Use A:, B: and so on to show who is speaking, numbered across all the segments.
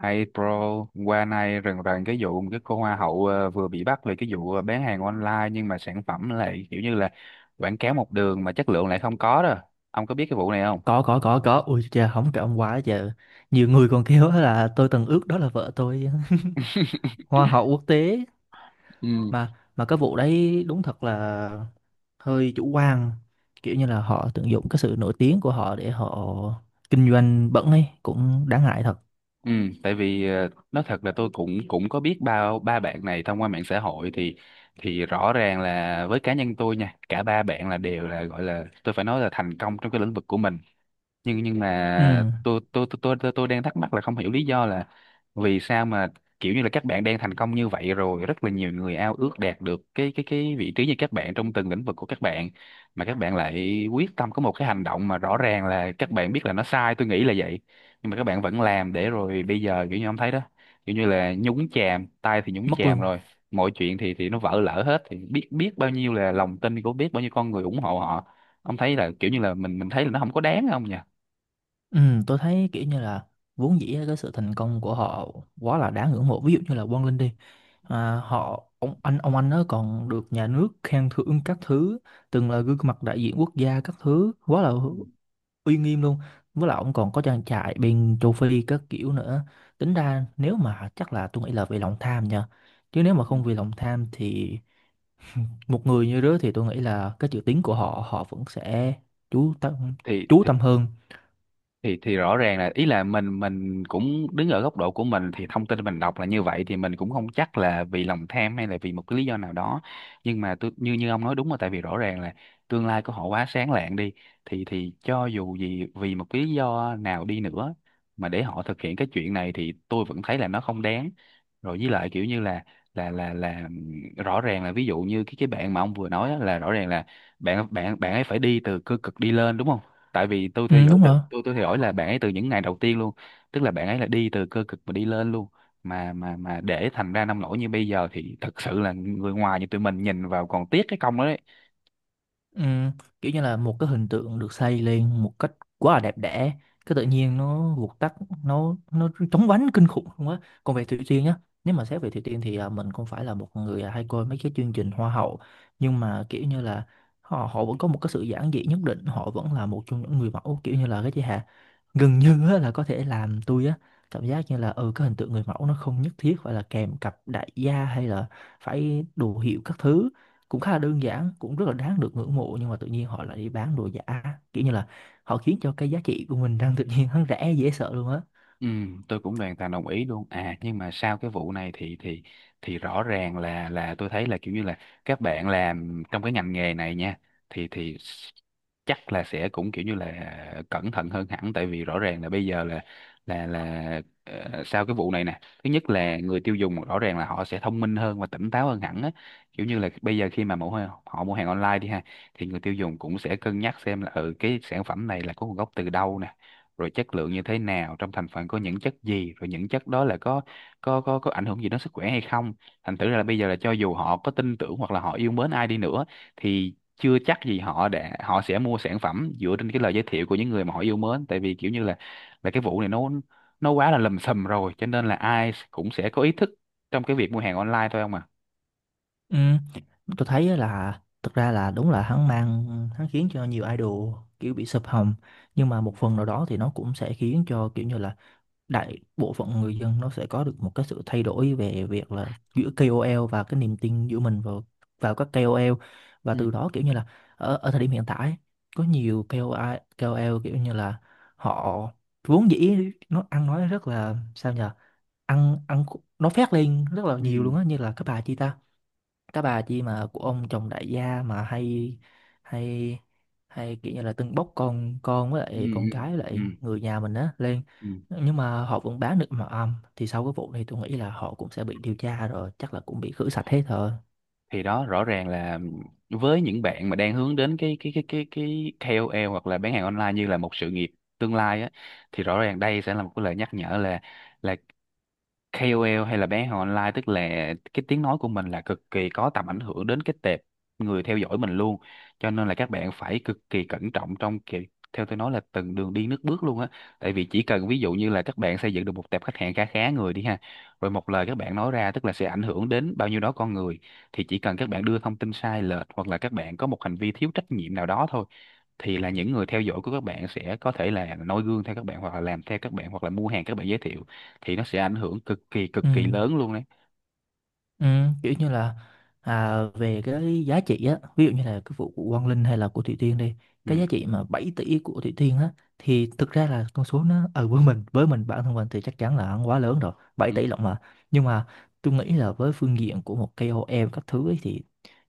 A: Hey bro, qua nay rần rần cái vụ một cái cô hoa hậu vừa bị bắt về cái vụ bán hàng online nhưng mà sản phẩm lại kiểu như là quảng cáo một đường mà chất lượng lại không có đó. Ông có biết cái vụ này không?
B: Có. Ui trời, không trọng quá giờ nhiều người còn kêu á là tôi từng ước đó là vợ tôi. Hoa hậu quốc tế.
A: Ừ.
B: Mà cái vụ đấy đúng thật là hơi chủ quan, kiểu như là họ tận dụng cái sự nổi tiếng của họ để họ kinh doanh bẩn ấy, cũng đáng ngại thật.
A: Ừ, tại vì nói thật là tôi cũng cũng có biết ba ba bạn này thông qua mạng xã hội thì rõ ràng là với cá nhân tôi nha, cả ba bạn là đều là gọi là tôi phải nói là thành công trong cái lĩnh vực của mình nhưng nhưng
B: Ừ.
A: mà tôi đang thắc mắc là không hiểu lý do là vì sao mà kiểu như là các bạn đang thành công như vậy rồi rất là nhiều người ao ước đạt được cái vị trí như các bạn trong từng lĩnh vực của các bạn mà các bạn lại quyết tâm có một cái hành động mà rõ ràng là các bạn biết là nó sai, tôi nghĩ là vậy, nhưng mà các bạn vẫn làm để rồi bây giờ kiểu như ông thấy đó, kiểu như là nhúng chàm tay thì nhúng
B: Mất
A: chàm
B: luôn.
A: rồi, mọi chuyện thì nó vỡ lở hết thì biết biết bao nhiêu là lòng tin của biết bao nhiêu con người ủng hộ họ. Ông thấy là kiểu như là mình thấy là nó không có đáng không nhỉ?
B: Ừ, tôi thấy kiểu như là vốn dĩ á, cái sự thành công của họ quá là đáng ngưỡng mộ, ví dụ như là Quang Linh đi. Họ, ông anh nó còn được nhà nước khen thưởng các thứ, từng là gương mặt đại diện quốc gia các thứ, quá là
A: Ừ,
B: uy nghiêm luôn. Với lại ông còn có trang trại bên châu Phi các kiểu nữa. Tính ra nếu mà chắc là tôi nghĩ là vì lòng tham nha, chứ nếu mà
A: ừ.
B: không vì lòng tham thì một người như đó thì tôi nghĩ là cái chữ tiếng của họ, họ vẫn sẽ chú tâm,
A: thì
B: chú
A: thì
B: tâm hơn.
A: thì rõ ràng là ý là mình cũng đứng ở góc độ của mình thì thông tin mình đọc là như vậy thì mình cũng không chắc là vì lòng tham hay là vì một cái lý do nào đó, nhưng mà tôi như như ông nói đúng, là tại vì rõ ràng là tương lai của họ quá sáng lạng đi thì cho dù gì vì một cái lý do nào đi nữa mà để họ thực hiện cái chuyện này thì tôi vẫn thấy là nó không đáng. Rồi với lại kiểu như là là rõ ràng là ví dụ như cái bạn mà ông vừa nói á, là rõ ràng là bạn bạn bạn ấy phải đi từ cơ cực đi lên đúng không, tại vì tôi
B: Ừ,
A: theo dõi
B: đúng
A: từ
B: rồi.
A: tôi theo dõi là bạn ấy từ những ngày đầu tiên luôn, tức là bạn ấy là đi từ cơ cực mà đi lên luôn mà mà để thành ra nông nổi như bây giờ thì thật sự là người ngoài như tụi mình nhìn vào còn tiếc cái công đó đấy.
B: Ừ, kiểu như là một cái hình tượng được xây lên một cách quá là đẹp đẽ, cái tự nhiên nó vụt tắt, nó chóng vánh kinh khủng luôn á. Còn về Thủy Tiên nhá, nếu mà xét về Thủy Tiên thì mình không phải là một người hay coi mấy cái chương trình hoa hậu, nhưng mà kiểu như là họ họ vẫn có một cái sự giản dị nhất định, họ vẫn là một trong những người mẫu, kiểu như là cái chị Hà gần như á, là có thể làm tôi á cảm giác như là ừ, cái hình tượng người mẫu nó không nhất thiết phải là kèm cặp đại gia hay là phải đồ hiệu các thứ, cũng khá là đơn giản, cũng rất là đáng được ngưỡng mộ. Nhưng mà tự nhiên họ lại đi bán đồ giả, kiểu như là họ khiến cho cái giá trị của mình đang tự nhiên hắn rẻ dễ sợ luôn á.
A: Ừ, tôi cũng hoàn toàn đồng ý luôn. À nhưng mà sau cái vụ này thì rõ ràng là tôi thấy là kiểu như là các bạn làm trong cái ngành nghề này nha thì chắc là sẽ cũng kiểu như là cẩn thận hơn hẳn tại vì rõ ràng là bây giờ là là sau cái vụ này nè, thứ nhất là người tiêu dùng rõ ràng là họ sẽ thông minh hơn và tỉnh táo hơn hẳn á. Kiểu như là bây giờ khi mà họ mua hàng online đi ha thì người tiêu dùng cũng sẽ cân nhắc xem là ừ cái sản phẩm này là có nguồn gốc từ đâu nè, rồi chất lượng như thế nào, trong thành phần có những chất gì, rồi những chất đó là có có ảnh hưởng gì đến sức khỏe hay không. Thành thử ra là bây giờ là cho dù họ có tin tưởng hoặc là họ yêu mến ai đi nữa thì chưa chắc gì họ để họ sẽ mua sản phẩm dựa trên cái lời giới thiệu của những người mà họ yêu mến, tại vì kiểu như là cái vụ này nó quá là lầm sầm rồi cho nên là ai cũng sẽ có ý thức trong cái việc mua hàng online thôi không à.
B: Ừ, tôi thấy á là thực ra là đúng là hắn mang hắn khiến cho nhiều idol kiểu bị sụp hầm, nhưng mà
A: Ừ.
B: một phần nào đó thì nó cũng sẽ khiến cho kiểu như là đại bộ phận người dân nó sẽ có được một cái sự thay đổi về việc là giữa KOL và cái niềm tin giữa mình vào vào các KOL, và từ đó kiểu như là ở, ở thời điểm hiện tại ấy, có nhiều KOL, KOL kiểu như là họ vốn dĩ nó ăn nói rất là sao nhờ, ăn ăn nó phét lên rất là nhiều
A: Ừ.
B: luôn á, như là cái bà chị ta, cái bà chi mà của ông chồng đại gia mà hay hay hay kiểu như là tưng bốc con với
A: Ừ.
B: lại con
A: Ừ.
B: cái với
A: Ừ.
B: lại người nhà mình á lên,
A: Ừ.
B: nhưng mà họ vẫn bán được mà âm. Thì sau cái vụ này tôi nghĩ là họ cũng sẽ bị điều tra rồi, chắc là cũng bị khử sạch hết rồi.
A: Thì đó rõ ràng là với những bạn mà đang hướng đến cái KOL hoặc là bán hàng online như là một sự nghiệp tương lai á thì rõ ràng đây sẽ là một cái lời nhắc nhở là KOL hay là bán hàng online, tức là cái tiếng nói của mình là cực kỳ có tầm ảnh hưởng đến cái tệp người theo dõi mình luôn, cho nên là các bạn phải cực kỳ cẩn trọng trong kiểu theo tôi nói là từng đường đi nước bước luôn á, tại vì chỉ cần ví dụ như là các bạn xây dựng được một tệp khách hàng khá khá người đi ha rồi một lời các bạn nói ra tức là sẽ ảnh hưởng đến bao nhiêu đó con người thì chỉ cần các bạn đưa thông tin sai lệch hoặc là các bạn có một hành vi thiếu trách nhiệm nào đó thôi thì là những người theo dõi của các bạn sẽ có thể là noi gương theo các bạn hoặc là làm theo các bạn hoặc là mua hàng các bạn giới thiệu thì nó sẽ ảnh hưởng cực kỳ
B: Ừ.
A: cực kỳ lớn luôn đấy.
B: Ừ, kiểu như là về cái giá trị á, ví dụ như là cái vụ của Quang Linh hay là của Thủy Tiên đi,
A: Ừ.
B: cái giá trị mà 7 tỷ của Thủy Tiên á, thì thực ra là con số nó ở với mình, với mình bản thân mình thì chắc chắn là quá lớn rồi, bảy
A: Ừ.
B: tỷ lận mà. Nhưng mà tôi nghĩ là với phương diện của một KOL các thứ ấy, thì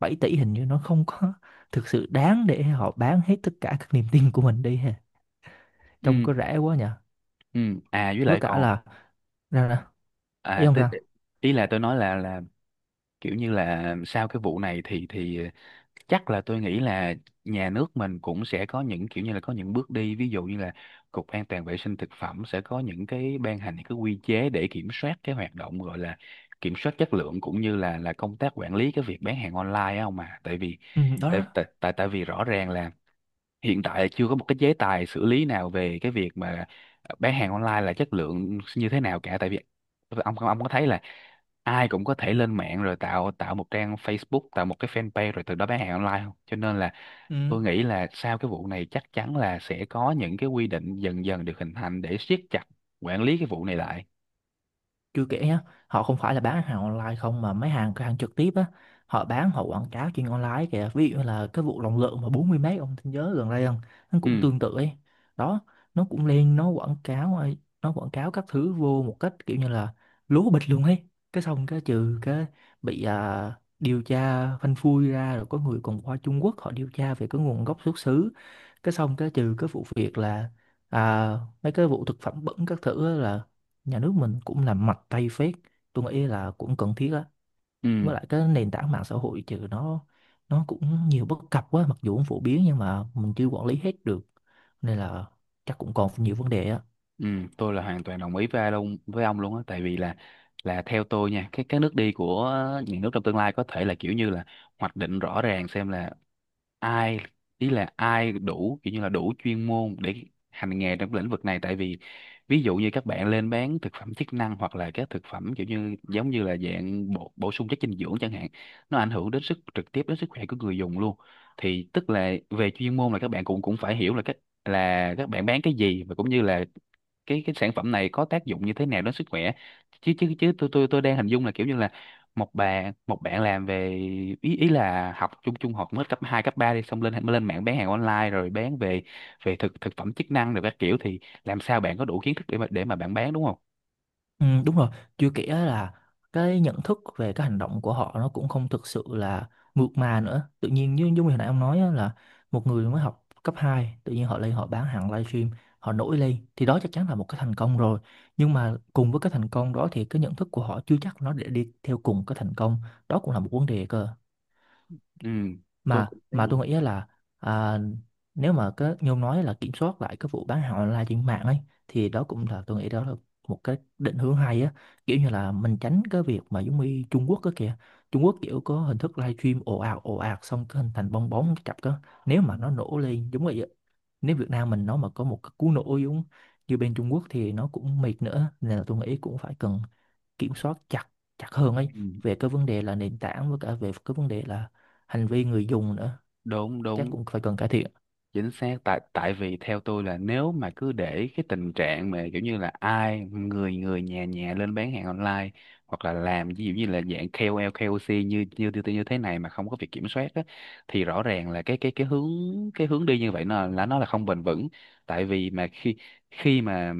B: 7 tỷ hình như nó không có thực sự đáng để họ bán hết tất cả các niềm tin của mình đi ha.
A: Ừ.
B: Trông có rẻ quá nhỉ.
A: Ừ. À với
B: Với
A: lại
B: cả
A: còn
B: là ra ra ấy
A: à
B: không
A: tí-
B: sao.
A: ý là tôi nói là kiểu như là sau cái vụ này thì chắc là tôi nghĩ là nhà nước mình cũng sẽ có những kiểu như là có những bước đi, ví dụ như là Cục An toàn vệ sinh thực phẩm sẽ có những cái ban hành những cái quy chế để kiểm soát cái hoạt động gọi là kiểm soát chất lượng cũng như là công tác quản lý cái việc bán hàng online á không mà, tại vì
B: Ừ, đó
A: tại
B: đó.
A: tại tại tại vì rõ ràng là hiện tại là chưa có một cái chế tài xử lý nào về cái việc mà bán hàng online là chất lượng như thế nào cả, tại vì ông có thấy là ai cũng có thể lên mạng rồi tạo tạo một trang Facebook, tạo một cái fanpage rồi từ đó bán hàng online không, cho nên là
B: Ừ.
A: tôi nghĩ là sau cái vụ này chắc chắn là sẽ có những cái quy định dần dần được hình thành để siết chặt quản lý cái vụ này lại.
B: Chưa kể nhá, họ không phải là bán hàng online không mà mấy hàng cửa hàng trực tiếp á, họ bán họ quảng cáo trên online kìa. Ví dụ như là cái vụ lòng lợn mà 40 mấy, ông nhớ gần đây không? Nó cũng
A: Ừ.
B: tương tự ấy. Đó, nó cũng lên nó quảng cáo ấy, nó quảng cáo các thứ vô một cách kiểu như là lố bịch luôn ấy, cái xong cái trừ cái bị điều tra phanh phui ra, rồi có người còn qua Trung Quốc họ điều tra về cái nguồn gốc xuất xứ. Cái xong cái trừ cái vụ việc là à, mấy cái vụ thực phẩm bẩn các thứ á là nhà nước mình cũng làm mạnh tay phết, tôi nghĩ là cũng cần thiết á.
A: Ừ.
B: Với lại cái nền tảng mạng xã hội trừ nó cũng nhiều bất cập quá, mặc dù cũng phổ biến nhưng mà mình chưa quản lý hết được, nên là chắc cũng còn nhiều vấn đề á.
A: Ừ, tôi là hoàn toàn đồng ý với ai luôn, với ông luôn á, tại vì là theo tôi nha cái nước đi của những nước trong tương lai có thể là kiểu như là hoạch định rõ ràng xem là ai ý là ai đủ kiểu như là đủ chuyên môn để hành nghề trong lĩnh vực này, tại vì ví dụ như các bạn lên bán thực phẩm chức năng hoặc là các thực phẩm kiểu như giống như là dạng bổ, bổ sung chất dinh dưỡng chẳng hạn, nó ảnh hưởng đến sức trực tiếp đến sức khỏe của người dùng luôn, thì tức là về chuyên môn là các bạn cũng cũng phải hiểu là các bạn bán cái gì và cũng như là cái sản phẩm này có tác dụng như thế nào đến sức khỏe, chứ chứ chứ tôi đang hình dung là kiểu như là một bạn làm về ý ý là học trung trung học mới cấp 2 cấp 3 đi xong lên lên mạng bán hàng online rồi bán về về thực thực phẩm chức năng rồi các kiểu thì làm sao bạn có đủ kiến thức để mà bạn bán đúng không.
B: Ừ, đúng rồi, chưa kể là cái nhận thức về cái hành động của họ nó cũng không thực sự là mượt mà nữa. Tự nhiên như, như hồi nãy ông nói á, là một người mới học cấp 2 tự nhiên họ lên họ bán hàng livestream, họ nổi lên thì đó chắc chắn là một cái thành công rồi. Nhưng mà cùng với cái thành công đó thì cái nhận thức của họ chưa chắc nó để đi theo cùng cái thành công. Đó cũng là một vấn đề cơ
A: Ừ, tôi
B: mà,
A: cũng thấy vậy.
B: tôi nghĩ là à, nếu mà cái như ông nói là kiểm soát lại cái vụ bán hàng online trên mạng ấy, thì đó cũng là tôi nghĩ đó là một cái định hướng hay á, kiểu như là mình tránh cái việc mà giống như Trung Quốc á kìa. Trung Quốc kiểu có hình thức live stream ồ ạt xong cái hình thành bong bóng cái chập á, nếu
A: Ừ.
B: mà nó nổ lên giống vậy á, nếu Việt Nam mình nó mà có một cái cú nổ giống như bên Trung Quốc thì nó cũng mệt nữa, nên là tôi nghĩ cũng phải cần kiểm soát chặt, chặt hơn ấy,
A: Ừ,
B: về cái vấn đề là nền tảng với cả về cái vấn đề là hành vi người dùng nữa,
A: đúng
B: chắc
A: đúng,
B: cũng phải cần cải thiện.
A: chính xác. Tại tại vì theo tôi là nếu mà cứ để cái tình trạng mà kiểu như là ai người người nhà nhà lên bán hàng online hoặc là làm ví dụ như là dạng KOL KOC như như như như thế này mà không có việc kiểm soát á, thì rõ ràng là cái hướng cái hướng đi như vậy nó là nó không bền vững, tại vì mà khi khi mà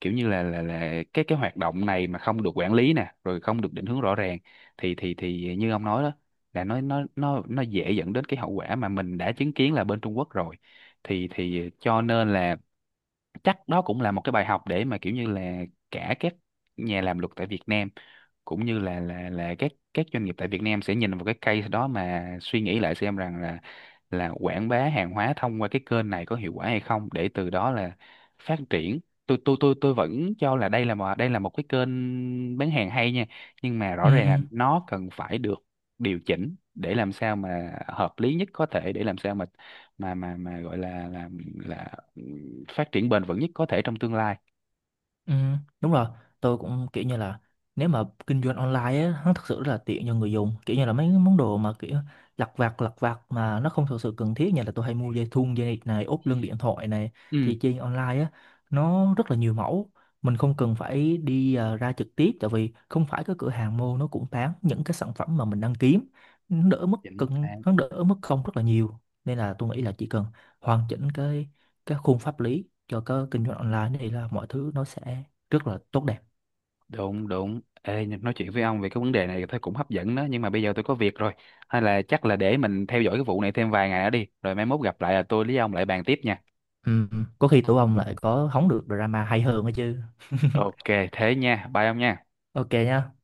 A: kiểu như là là cái hoạt động này mà không được quản lý nè rồi không được định hướng rõ ràng thì thì như ông nói đó là nó dễ dẫn đến cái hậu quả mà mình đã chứng kiến là bên Trung Quốc rồi, thì cho nên là chắc đó cũng là một cái bài học để mà kiểu như là cả các nhà làm luật tại Việt Nam cũng như là là các doanh nghiệp tại Việt Nam sẽ nhìn vào cái case đó mà suy nghĩ lại xem rằng là quảng bá hàng hóa thông qua cái kênh này có hiệu quả hay không để từ đó là phát triển. Tôi vẫn cho là đây là một cái kênh bán hàng hay nha nhưng mà
B: ừ
A: rõ ràng
B: ừ
A: là nó cần phải được điều chỉnh để làm sao mà hợp lý nhất có thể để làm sao mà mà gọi là là phát triển bền vững nhất có thể trong tương lai.
B: ừ Đúng rồi. Tôi cũng kiểu như là, nếu mà kinh doanh online á nó thật sự rất là tiện cho người dùng, kiểu như là mấy cái món đồ mà kiểu lặt vặt mà nó không thực sự cần thiết, như là tôi hay mua dây thun, dây này, ốp lưng điện thoại này,
A: Ừ,
B: thì trên online á nó rất là nhiều mẫu, mình không cần phải đi ra trực tiếp, tại vì không phải cái cửa hàng mô nó cũng bán những cái sản phẩm mà mình đang kiếm, nó đỡ mất
A: chính
B: cân
A: xác.
B: nó đỡ mất công rất là nhiều, nên là tôi nghĩ là chỉ cần hoàn chỉnh cái khung pháp lý cho cái kinh doanh online thì là mọi thứ nó sẽ rất là tốt đẹp.
A: Đúng đúng. Ê, nhưng nói chuyện với ông về cái vấn đề này thấy cũng hấp dẫn đó, nhưng mà bây giờ tôi có việc rồi. Hay là chắc là để mình theo dõi cái vụ này thêm vài ngày nữa đi. Rồi mai mốt gặp lại là tôi với ông lại bàn tiếp nha.
B: Ừ. Có khi tụi ông lại có hóng được drama hay hơn đó chứ.
A: Ok, thế nha. Bye ông nha.
B: Ok nhá.